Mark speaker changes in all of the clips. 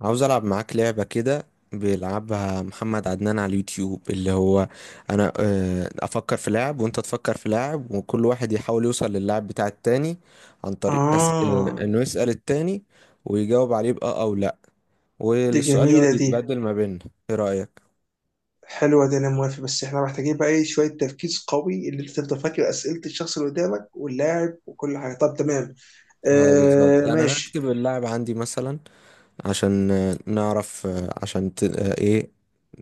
Speaker 1: عاوز ألعب معاك لعبة كده. بيلعبها محمد عدنان على اليوتيوب، اللي هو أنا أفكر في لاعب وأنت تفكر في لاعب، وكل واحد يحاول يوصل للاعب بتاع التاني عن طريق أس... آه،
Speaker 2: آه
Speaker 1: إنه يسأل التاني ويجاوب عليه بأه أو لأ،
Speaker 2: دي
Speaker 1: والسؤال
Speaker 2: جميلة
Speaker 1: يقعد
Speaker 2: دي
Speaker 1: يتبدل ما بيننا. إيه رأيك؟
Speaker 2: حلوة دي أنا موافق. بس إحنا محتاجين بقى إيه شوية تركيز قوي اللي أنت تفضل فاكر أسئلة الشخص اللي قدامك واللاعب وكل حاجة. طب تمام.
Speaker 1: اه، بالظبط،
Speaker 2: آه
Speaker 1: يعني أنا
Speaker 2: ماشي.
Speaker 1: هكتب اللاعب عندي مثلا عشان نعرف، آه، عشان ت... آه، إيه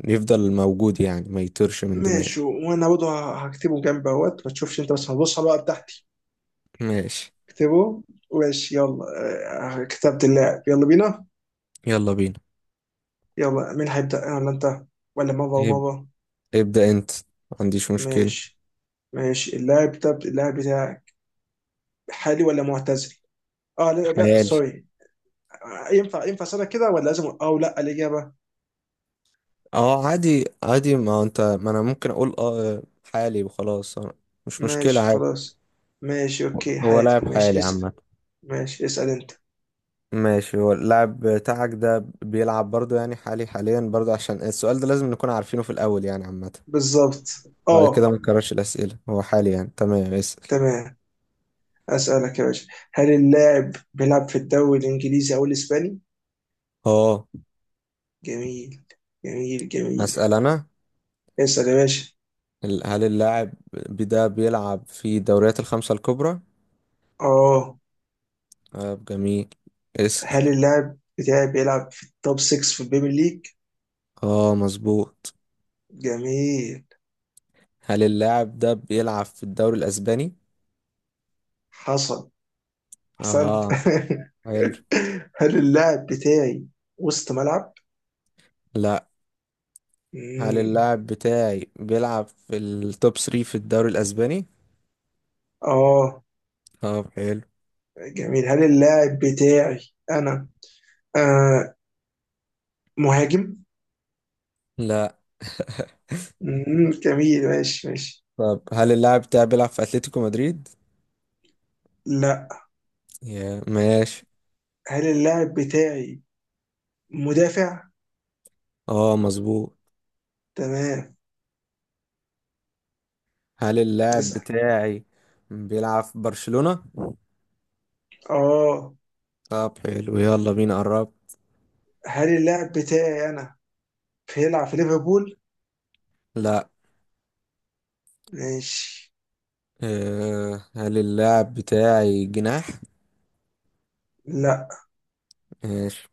Speaker 1: يفضل موجود، يعني ما يطيرش من دماغي.
Speaker 2: ماشي، وأنا برضه هكتبه جنب أهوت ما تشوفش أنت، بس هتبص على الورقة بتاعتي.
Speaker 1: ماشي،
Speaker 2: اكتبه. ماشي يلا. آه كتبت اللاعب، يلا بينا.
Speaker 1: يلا بينا.
Speaker 2: يلا مين هيبدأ، أنا ولا أنت؟ ولا مرة
Speaker 1: إيه،
Speaker 2: ومرة.
Speaker 1: ابدأ انت، ما عنديش مشكلة.
Speaker 2: ماشي. ماشي، اللاعب ده اللاعب بتاعك حالي ولا معتزل؟ اه لا لا
Speaker 1: حيالي.
Speaker 2: سوري. ينفع اسالك كده ولا لازم او لا الاجابه؟
Speaker 1: اه عادي عادي، ما انا ممكن اقول اه حالي وخلاص، مش مشكلة،
Speaker 2: ماشي
Speaker 1: عادي.
Speaker 2: خلاص. ماشي اوكي،
Speaker 1: هو
Speaker 2: حالي.
Speaker 1: لاعب
Speaker 2: ماشي
Speaker 1: حالي
Speaker 2: اسال.
Speaker 1: عامة.
Speaker 2: ماشي اسال انت.
Speaker 1: ماشي، هو اللاعب بتاعك ده بيلعب برضو، يعني حالي حاليا برضو، عشان السؤال ده لازم نكون عارفينه في الأول، يعني عامة.
Speaker 2: بالظبط.
Speaker 1: بعد كده
Speaker 2: اه
Speaker 1: ما نكررش الأسئلة، هو حالي يعني، تمام، اسأل.
Speaker 2: تمام. اسالك يا باشا، هل اللاعب بيلعب في الدوري الانجليزي او الاسباني؟
Speaker 1: اه،
Speaker 2: جميل جميل جميل.
Speaker 1: هسأل أنا.
Speaker 2: اسال يا باشا.
Speaker 1: هل اللاعب ده بيلعب في الدوريات الخمسة الكبرى؟
Speaker 2: اه
Speaker 1: اه، جميل، اسأل.
Speaker 2: هل اللاعب بتاعي بيلعب في التوب 6 في البيبي ليج؟
Speaker 1: اه، مظبوط.
Speaker 2: جميل
Speaker 1: هل اللاعب ده بيلعب في الدوري الأسباني؟
Speaker 2: حصل، احسنت
Speaker 1: اه، حلو.
Speaker 2: هل اللاعب بتاعي وسط ملعب؟
Speaker 1: لا. هل
Speaker 2: مم.
Speaker 1: اللاعب بتاعي بيلعب في التوب 3 في الدوري الأسباني؟
Speaker 2: اه
Speaker 1: طب حلو.
Speaker 2: جميل. هل اللاعب بتاعي انا آه مهاجم؟
Speaker 1: لا.
Speaker 2: جميل ماشي ماشي.
Speaker 1: طب هل اللاعب بتاعي بيلعب في أتلتيكو مدريد؟
Speaker 2: لا
Speaker 1: يا ماشي.
Speaker 2: هل اللاعب بتاعي مدافع؟
Speaker 1: اه مظبوط.
Speaker 2: تمام
Speaker 1: هل اللاعب
Speaker 2: اسأل.
Speaker 1: بتاعي بيلعب في برشلونة؟
Speaker 2: اه
Speaker 1: طب حلو، يلا بينا قرب.
Speaker 2: هل اللاعب بتاعي انا بيلعب في ليفربول؟
Speaker 1: لا.
Speaker 2: ماشي.
Speaker 1: أه، هل اللاعب بتاعي جناح؟
Speaker 2: لا
Speaker 1: ماشي.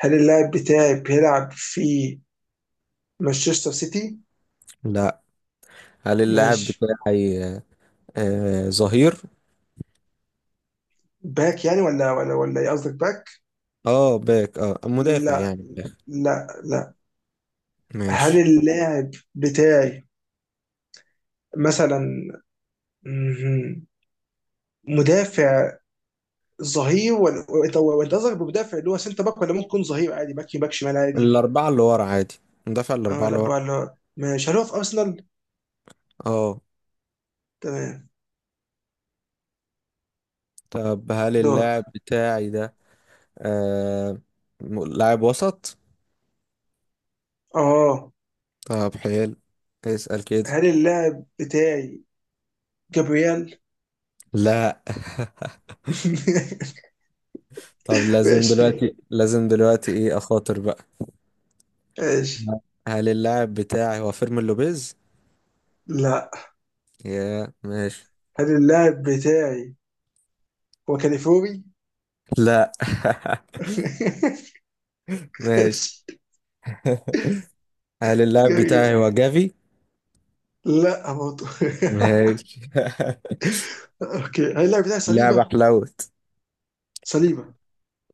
Speaker 2: هل اللاعب بتاعي بيلعب في مانشستر سيتي؟
Speaker 1: لا. هل اللاعب
Speaker 2: ماشي.
Speaker 1: بتاعي أه آه، ظهير؟
Speaker 2: باك يعني؟ ولا ايه قصدك باك؟
Speaker 1: اه باك، اه مدافع
Speaker 2: لا
Speaker 1: يعني، باك.
Speaker 2: لا لا. هل
Speaker 1: ماشي،
Speaker 2: اللاعب بتاعي مثلا مدافع ظهير، ولا وأنت قصدك بمدافع اللي هو سنتر باك، ولا ممكن ظهير عادي باك يمين، باك شمال عادي؟
Speaker 1: الأربعة اللي ورا عادي، مدافع
Speaker 2: اه
Speaker 1: الأربعة
Speaker 2: لا
Speaker 1: اللي ورا.
Speaker 2: بقى، لا ماشي. هل هو في ارسنال؟
Speaker 1: اه.
Speaker 2: تمام
Speaker 1: طب هل
Speaker 2: دورك.
Speaker 1: اللاعب بتاعي ده آه لاعب وسط؟
Speaker 2: اه
Speaker 1: طب حلو، اسأل كده.
Speaker 2: هل اللاعب بتاعي جابرييل؟
Speaker 1: لا. طب لازم
Speaker 2: ماشي
Speaker 1: دلوقتي، لازم دلوقتي، ايه، أخاطر بقى.
Speaker 2: ماشي.
Speaker 1: هل اللاعب بتاعي هو فيرمين لوبيز؟
Speaker 2: لا
Speaker 1: يا ماشي.
Speaker 2: هل اللاعب بتاعي هو كاليفوري؟
Speaker 1: لا. ماشي.
Speaker 2: ماشي.
Speaker 1: هل اللاعب بتاعي
Speaker 2: جميلة.
Speaker 1: هو جافي؟
Speaker 2: لا برضه.
Speaker 1: ماشي.
Speaker 2: اوكي هل اللاعب بتاعي
Speaker 1: لعبة
Speaker 2: صليبة؟
Speaker 1: حلوت.
Speaker 2: صليبة.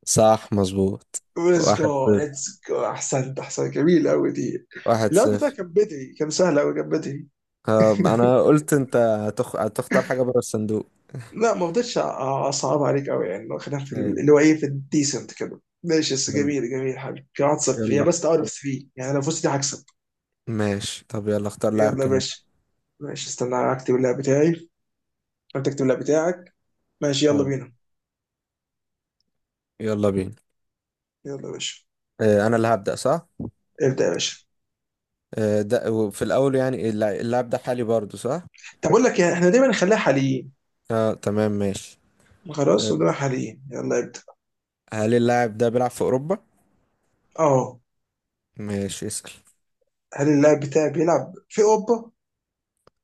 Speaker 1: صح، مظبوط.
Speaker 2: ليتس
Speaker 1: واحد
Speaker 2: جو
Speaker 1: صفر،
Speaker 2: ليتس جو، احسنت احسنت، جميل قوي دي.
Speaker 1: واحد
Speaker 2: اللعب بتاعي
Speaker 1: صفر.
Speaker 2: كان بدري، كان سهل قوي كان بدري.
Speaker 1: طب انا قلت انت هتختار حاجة بره الصندوق.
Speaker 2: لا ما رضيتش، اصعب عليك قوي يعني. خلينا في
Speaker 1: أيوة،
Speaker 2: اللي هو ايه، في الديسنت كده ماشي، بس
Speaker 1: يلا.
Speaker 2: جميل جميل حبيبي كده. 1-0
Speaker 1: يلا
Speaker 2: هي
Speaker 1: اخت-
Speaker 2: بس، اوت اوف 3 يعني، لو فزت دي هكسب.
Speaker 1: ماشي، طب يلا اختار لاعب
Speaker 2: يلا يا
Speaker 1: كمان.
Speaker 2: باشا. ماشي استنى اكتب اللعب بتاعي، انت اكتب اللعب بتاعك. ماشي يلا
Speaker 1: حاضر،
Speaker 2: بينا.
Speaker 1: يلا بينا.
Speaker 2: يلا يا باشا.
Speaker 1: اه، انا اللي هبدأ، صح؟
Speaker 2: ابدا يا باشا.
Speaker 1: اه، ده وفي الاول، يعني اللاعب ده حالي برضو، صح؟
Speaker 2: طب اقول لك إيه، احنا دايما نخليها حاليين.
Speaker 1: اه، تمام، ماشي.
Speaker 2: خلاص
Speaker 1: اه،
Speaker 2: ونبقى حاليين، يلا ابدا.
Speaker 1: هل اللاعب ده بيلعب في اوروبا؟
Speaker 2: اه
Speaker 1: ماشي، اسأل.
Speaker 2: هل اللاعب بتاعي بيلعب في اوروبا؟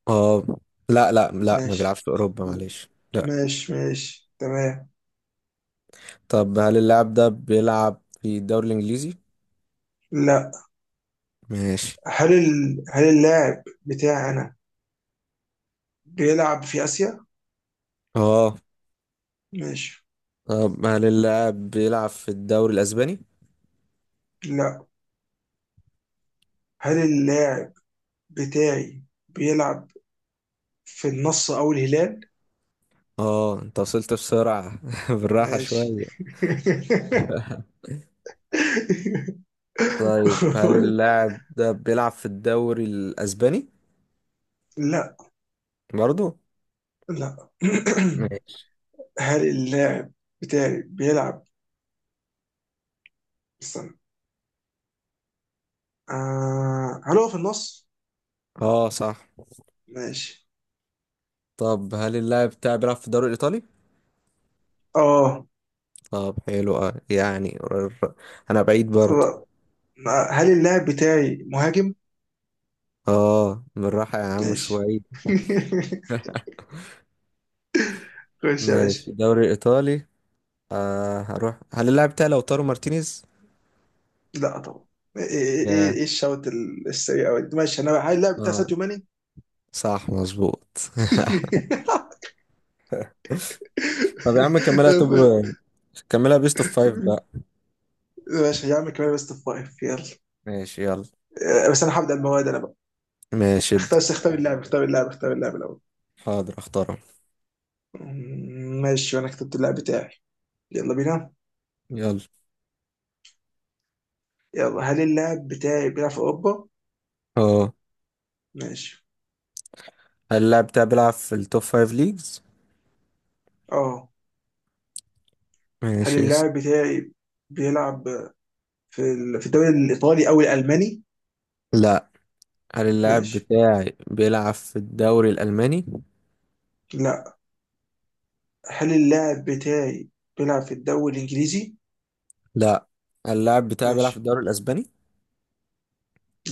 Speaker 1: اه. لا لا لا، ما
Speaker 2: ماشي
Speaker 1: بيلعبش في اوروبا، معلش، لا.
Speaker 2: ماشي ماشي تمام.
Speaker 1: طب هل اللاعب ده بيلعب في الدوري الانجليزي؟
Speaker 2: لا
Speaker 1: ماشي.
Speaker 2: هل هل اللاعب بتاعنا بيلعب في آسيا؟
Speaker 1: اه.
Speaker 2: ماشي.
Speaker 1: طب هل اللاعب بيلعب في الدوري الأسباني؟
Speaker 2: لا هل اللاعب بتاعي بيلعب في النصر أو الهلال؟
Speaker 1: اه، انت وصلت بسرعة. بالراحة
Speaker 2: ماشي
Speaker 1: شوية. طيب هل اللاعب ده بيلعب في الدوري الأسباني؟
Speaker 2: لا
Speaker 1: برضو؟
Speaker 2: لا
Speaker 1: ماشي.
Speaker 2: هل اللاعب بتاعي بيلعب، استنى، هل هو في النص؟
Speaker 1: اه، صح.
Speaker 2: ماشي
Speaker 1: طب هل اللاعب بتاعي بيلعب في الدوري الإيطالي؟
Speaker 2: اه
Speaker 1: طب حلو. اه يعني، أنا بعيد برضو.
Speaker 2: آه. هل اللاعب بتاعي مهاجم؟
Speaker 1: اه، بالراحة يا عم
Speaker 2: ماشي
Speaker 1: شوية.
Speaker 2: خش يا باشا.
Speaker 1: ماشي، الدوري الإيطالي، هروح. هل اللاعب بتاعي لو طارو مارتينيز؟
Speaker 2: لا طبعا. ايه ايه ايه إيه
Speaker 1: ياه.
Speaker 2: إيه الشوط السريع أوي ده؟ ماشي انا هاي اللاعب بتاع
Speaker 1: اه،
Speaker 2: ساديو ماني.
Speaker 1: صح، مظبوط. طب يا عم كملها، طب كملها بيست اوف فايف بقى.
Speaker 2: ماشي يا عم، كمان بس فايف يلا.
Speaker 1: ماشي، يلا.
Speaker 2: بس انا هبدأ المواد انا بقى.
Speaker 1: ماشي، ابدأ.
Speaker 2: اختار اختار اللاعب، اختار اللاعب، اختار اللاعب الاول.
Speaker 1: حاضر، اختارها،
Speaker 2: ماشي وانا كتبت اللاعب بتاعي، يلا بينا.
Speaker 1: يلا.
Speaker 2: يلا هل اللاعب بتاعي بيلعب في اوروبا؟
Speaker 1: اه،
Speaker 2: ماشي.
Speaker 1: هل اللاعب بتاعي بيلعب في التوب فايف ليجز؟
Speaker 2: اه هل
Speaker 1: ماشي، يس.
Speaker 2: اللاعب بتاعي بيلعب في في الدوري الايطالي او الالماني؟
Speaker 1: لا. هل اللاعب
Speaker 2: ماشي.
Speaker 1: بتاعي بيلعب في الدوري الألماني؟
Speaker 2: لا هل اللاعب بتاعي بيلعب في الدوري الإنجليزي؟
Speaker 1: لا. هل اللاعب بتاعي بيلعب في
Speaker 2: ماشي.
Speaker 1: الدوري الأسباني؟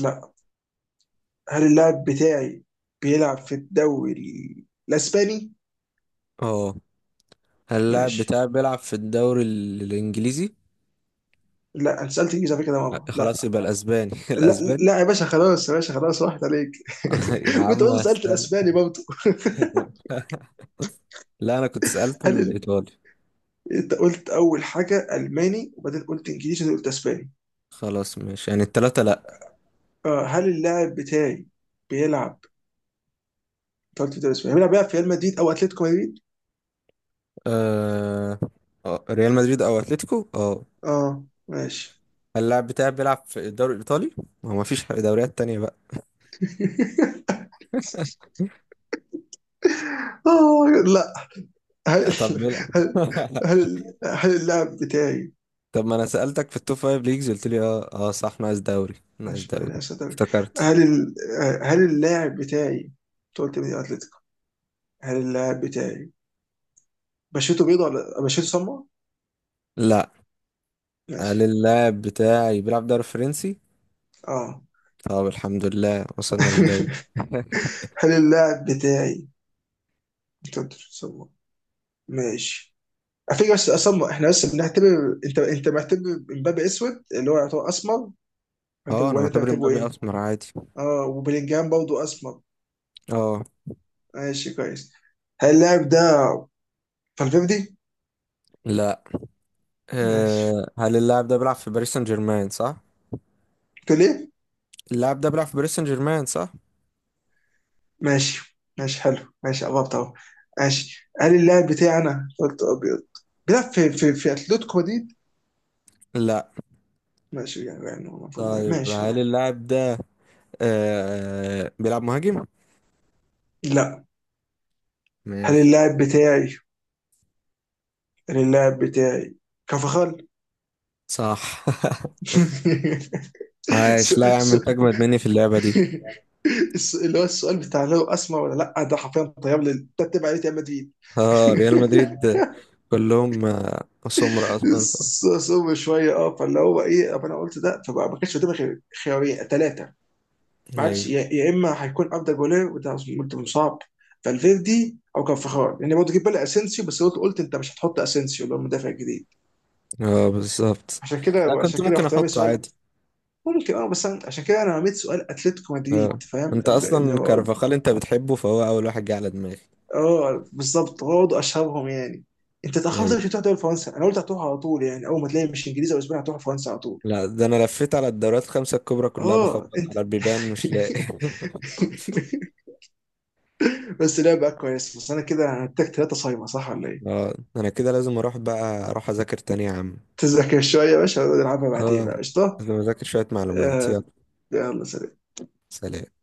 Speaker 2: لا هل اللاعب بتاعي بيلعب في الدوري الإسباني؟
Speaker 1: اه. هل اللاعب
Speaker 2: ماشي.
Speaker 1: بتاعي بيلعب في الدوري الإنجليزي؟
Speaker 2: لا انا سألت انجليزي على فكرة يا ماما، لا.
Speaker 1: خلاص يبقى الأسباني.
Speaker 2: لا
Speaker 1: الأسباني؟
Speaker 2: لا يا باشا خلاص، يا باشا خلاص راحت عليك
Speaker 1: يا
Speaker 2: وانت
Speaker 1: عم
Speaker 2: برضه سألت
Speaker 1: استنى.
Speaker 2: الاسباني برضه.
Speaker 1: لا، أنا كنت سألته
Speaker 2: هل
Speaker 1: الإيطالي.
Speaker 2: انت قلت اول حاجة الماني وبعدين قلت انجليزي وبعدين قلت اسباني.
Speaker 1: خلاص، ماشي، يعني التلاتة لا.
Speaker 2: آه هل اللاعب بتاعي بيلعب، انت قلت في الدوري الاسباني بيلعب في ريال مدريد او اتلتيكو مدريد؟
Speaker 1: آه... ريال مدريد او اتلتيكو، اه.
Speaker 2: اه ماشي.
Speaker 1: اللاعب بتاعي بيلعب في الدوري الايطالي، ما هو مفيش دوريات تانية بقى.
Speaker 2: آه لا. هل
Speaker 1: طب بيلعب.
Speaker 2: هل هل هل اللاعب بتاعي
Speaker 1: طب ما انا سألتك في التوب فايف ليجز، قلت لي اه اه صح، ناقص دوري، ناقص
Speaker 2: ماشي
Speaker 1: دوري،
Speaker 2: ماشي، أصدق.
Speaker 1: افتكرت.
Speaker 2: هل ال- هل اللاعب بتاعي أنت قلت مين اتلتيكو. هل اللاعب بتاعي بشرته بيضة ولا بشرته سمراء؟
Speaker 1: لا. هل
Speaker 2: ماشي
Speaker 1: اللاعب بتاعي بيلعب دوري فرنسي؟
Speaker 2: اه
Speaker 1: طب الحمد لله، وصلنا للدوري.
Speaker 2: هل اللاعب بتاعي أنت قلت بشرته سمراء. ماشي على فكرة، بس اسمر احنا بس بنعتبر، انت معتبر مبابي اسود اللي هو يعتبر اسمر معتبر،
Speaker 1: اه، انا
Speaker 2: ولا انت
Speaker 1: معتبر
Speaker 2: معتبره
Speaker 1: مبابي
Speaker 2: ايه؟
Speaker 1: اسمر عادي.
Speaker 2: اه وبلينجهام برضه اسمر.
Speaker 1: اه.
Speaker 2: ماشي كويس. هل اللاعب ده فالفيردي؟
Speaker 1: لا.
Speaker 2: ماشي.
Speaker 1: آه، هل اللاعب ده بيلعب في باريس سان جيرمان، صح؟
Speaker 2: تقول ايه؟
Speaker 1: اللاعب ده بيلعب في باريس سان جيرمان، صح.
Speaker 2: ماشي ماشي حلو، ماشي قربت اهو. ماشي قال اللاعب بتاعنا قلت ابيض، بيلعب في اتلتيكو مدريد.
Speaker 1: لا.
Speaker 2: ماشي يعني المفروض يعني،
Speaker 1: طيب
Speaker 2: ماشي
Speaker 1: هل
Speaker 2: خلاص.
Speaker 1: اللاعب ده بيلعب مهاجم؟
Speaker 2: لا هل
Speaker 1: ماشي.
Speaker 2: اللاعب بتاعي هل اللاعب بتاعي كفخال
Speaker 1: صح.
Speaker 2: س-
Speaker 1: عاش، لا يا عم،
Speaker 2: س-
Speaker 1: انت اجمد مني في اللعبة دي.
Speaker 2: اللي هو السؤال بتاع لو اسمر ولا لا ده حرفيا، طيب لي تتبع عليه ريال مدريد.
Speaker 1: اه، ريال مدريد كلهم سمر اصلا،
Speaker 2: صعب شويه اه، فاللي هو ايه، طب انا قلت ده، فما ما كانش قدامي غير خيارين ثلاثه. ماتش،
Speaker 1: ايوه.
Speaker 2: يا اما هيكون افضل جولير، وده قلت مصاب، فالفيردي او كارفخال، لان يعني برضه جيب بالي اسينسيو، بس قلت انت مش هتحط اسينسيو اللي هو المدافع الجديد.
Speaker 1: اه، بالظبط.
Speaker 2: عشان كده
Speaker 1: لا، كنت
Speaker 2: وعشان كده
Speaker 1: ممكن
Speaker 2: رحت رامي
Speaker 1: احطه
Speaker 2: سؤال.
Speaker 1: عادي.
Speaker 2: ممكن اه بس عشان كده انا رميت سؤال اتلتيكو
Speaker 1: اه،
Speaker 2: مدريد، فاهم
Speaker 1: انت
Speaker 2: اللي
Speaker 1: اصلا
Speaker 2: هو.
Speaker 1: كارفاخال انت بتحبه، فهو اول واحد جه على دماغي.
Speaker 2: اه بالظبط، هو ده اشهرهم يعني. انت اتاخرت
Speaker 1: ايوه.
Speaker 2: مش هتروح دوري فرنسا، انا قلت هتروح على طول يعني، اول ما تلاقي مش انجليزي او اسباني هتروح فرنسا على طول.
Speaker 1: لا، ده انا لفيت على الدوريات الخمسة الكبرى كلها،
Speaker 2: اه
Speaker 1: بخبط
Speaker 2: انت
Speaker 1: على البيبان مش لاقي.
Speaker 2: بس لعبه كويس، بس انا كده هنتك ثلاثه صايمه صح ولا ايه؟
Speaker 1: اه، انا كده لازم اروح بقى، اروح اذاكر تاني يا عم.
Speaker 2: تذاكر شوية يا باشا ونلعبها بعدين
Speaker 1: اه،
Speaker 2: بقى قشطة.
Speaker 1: لازم اذاكر شوية معلومات، يلا،
Speaker 2: آه، يلا سلام.
Speaker 1: سلام.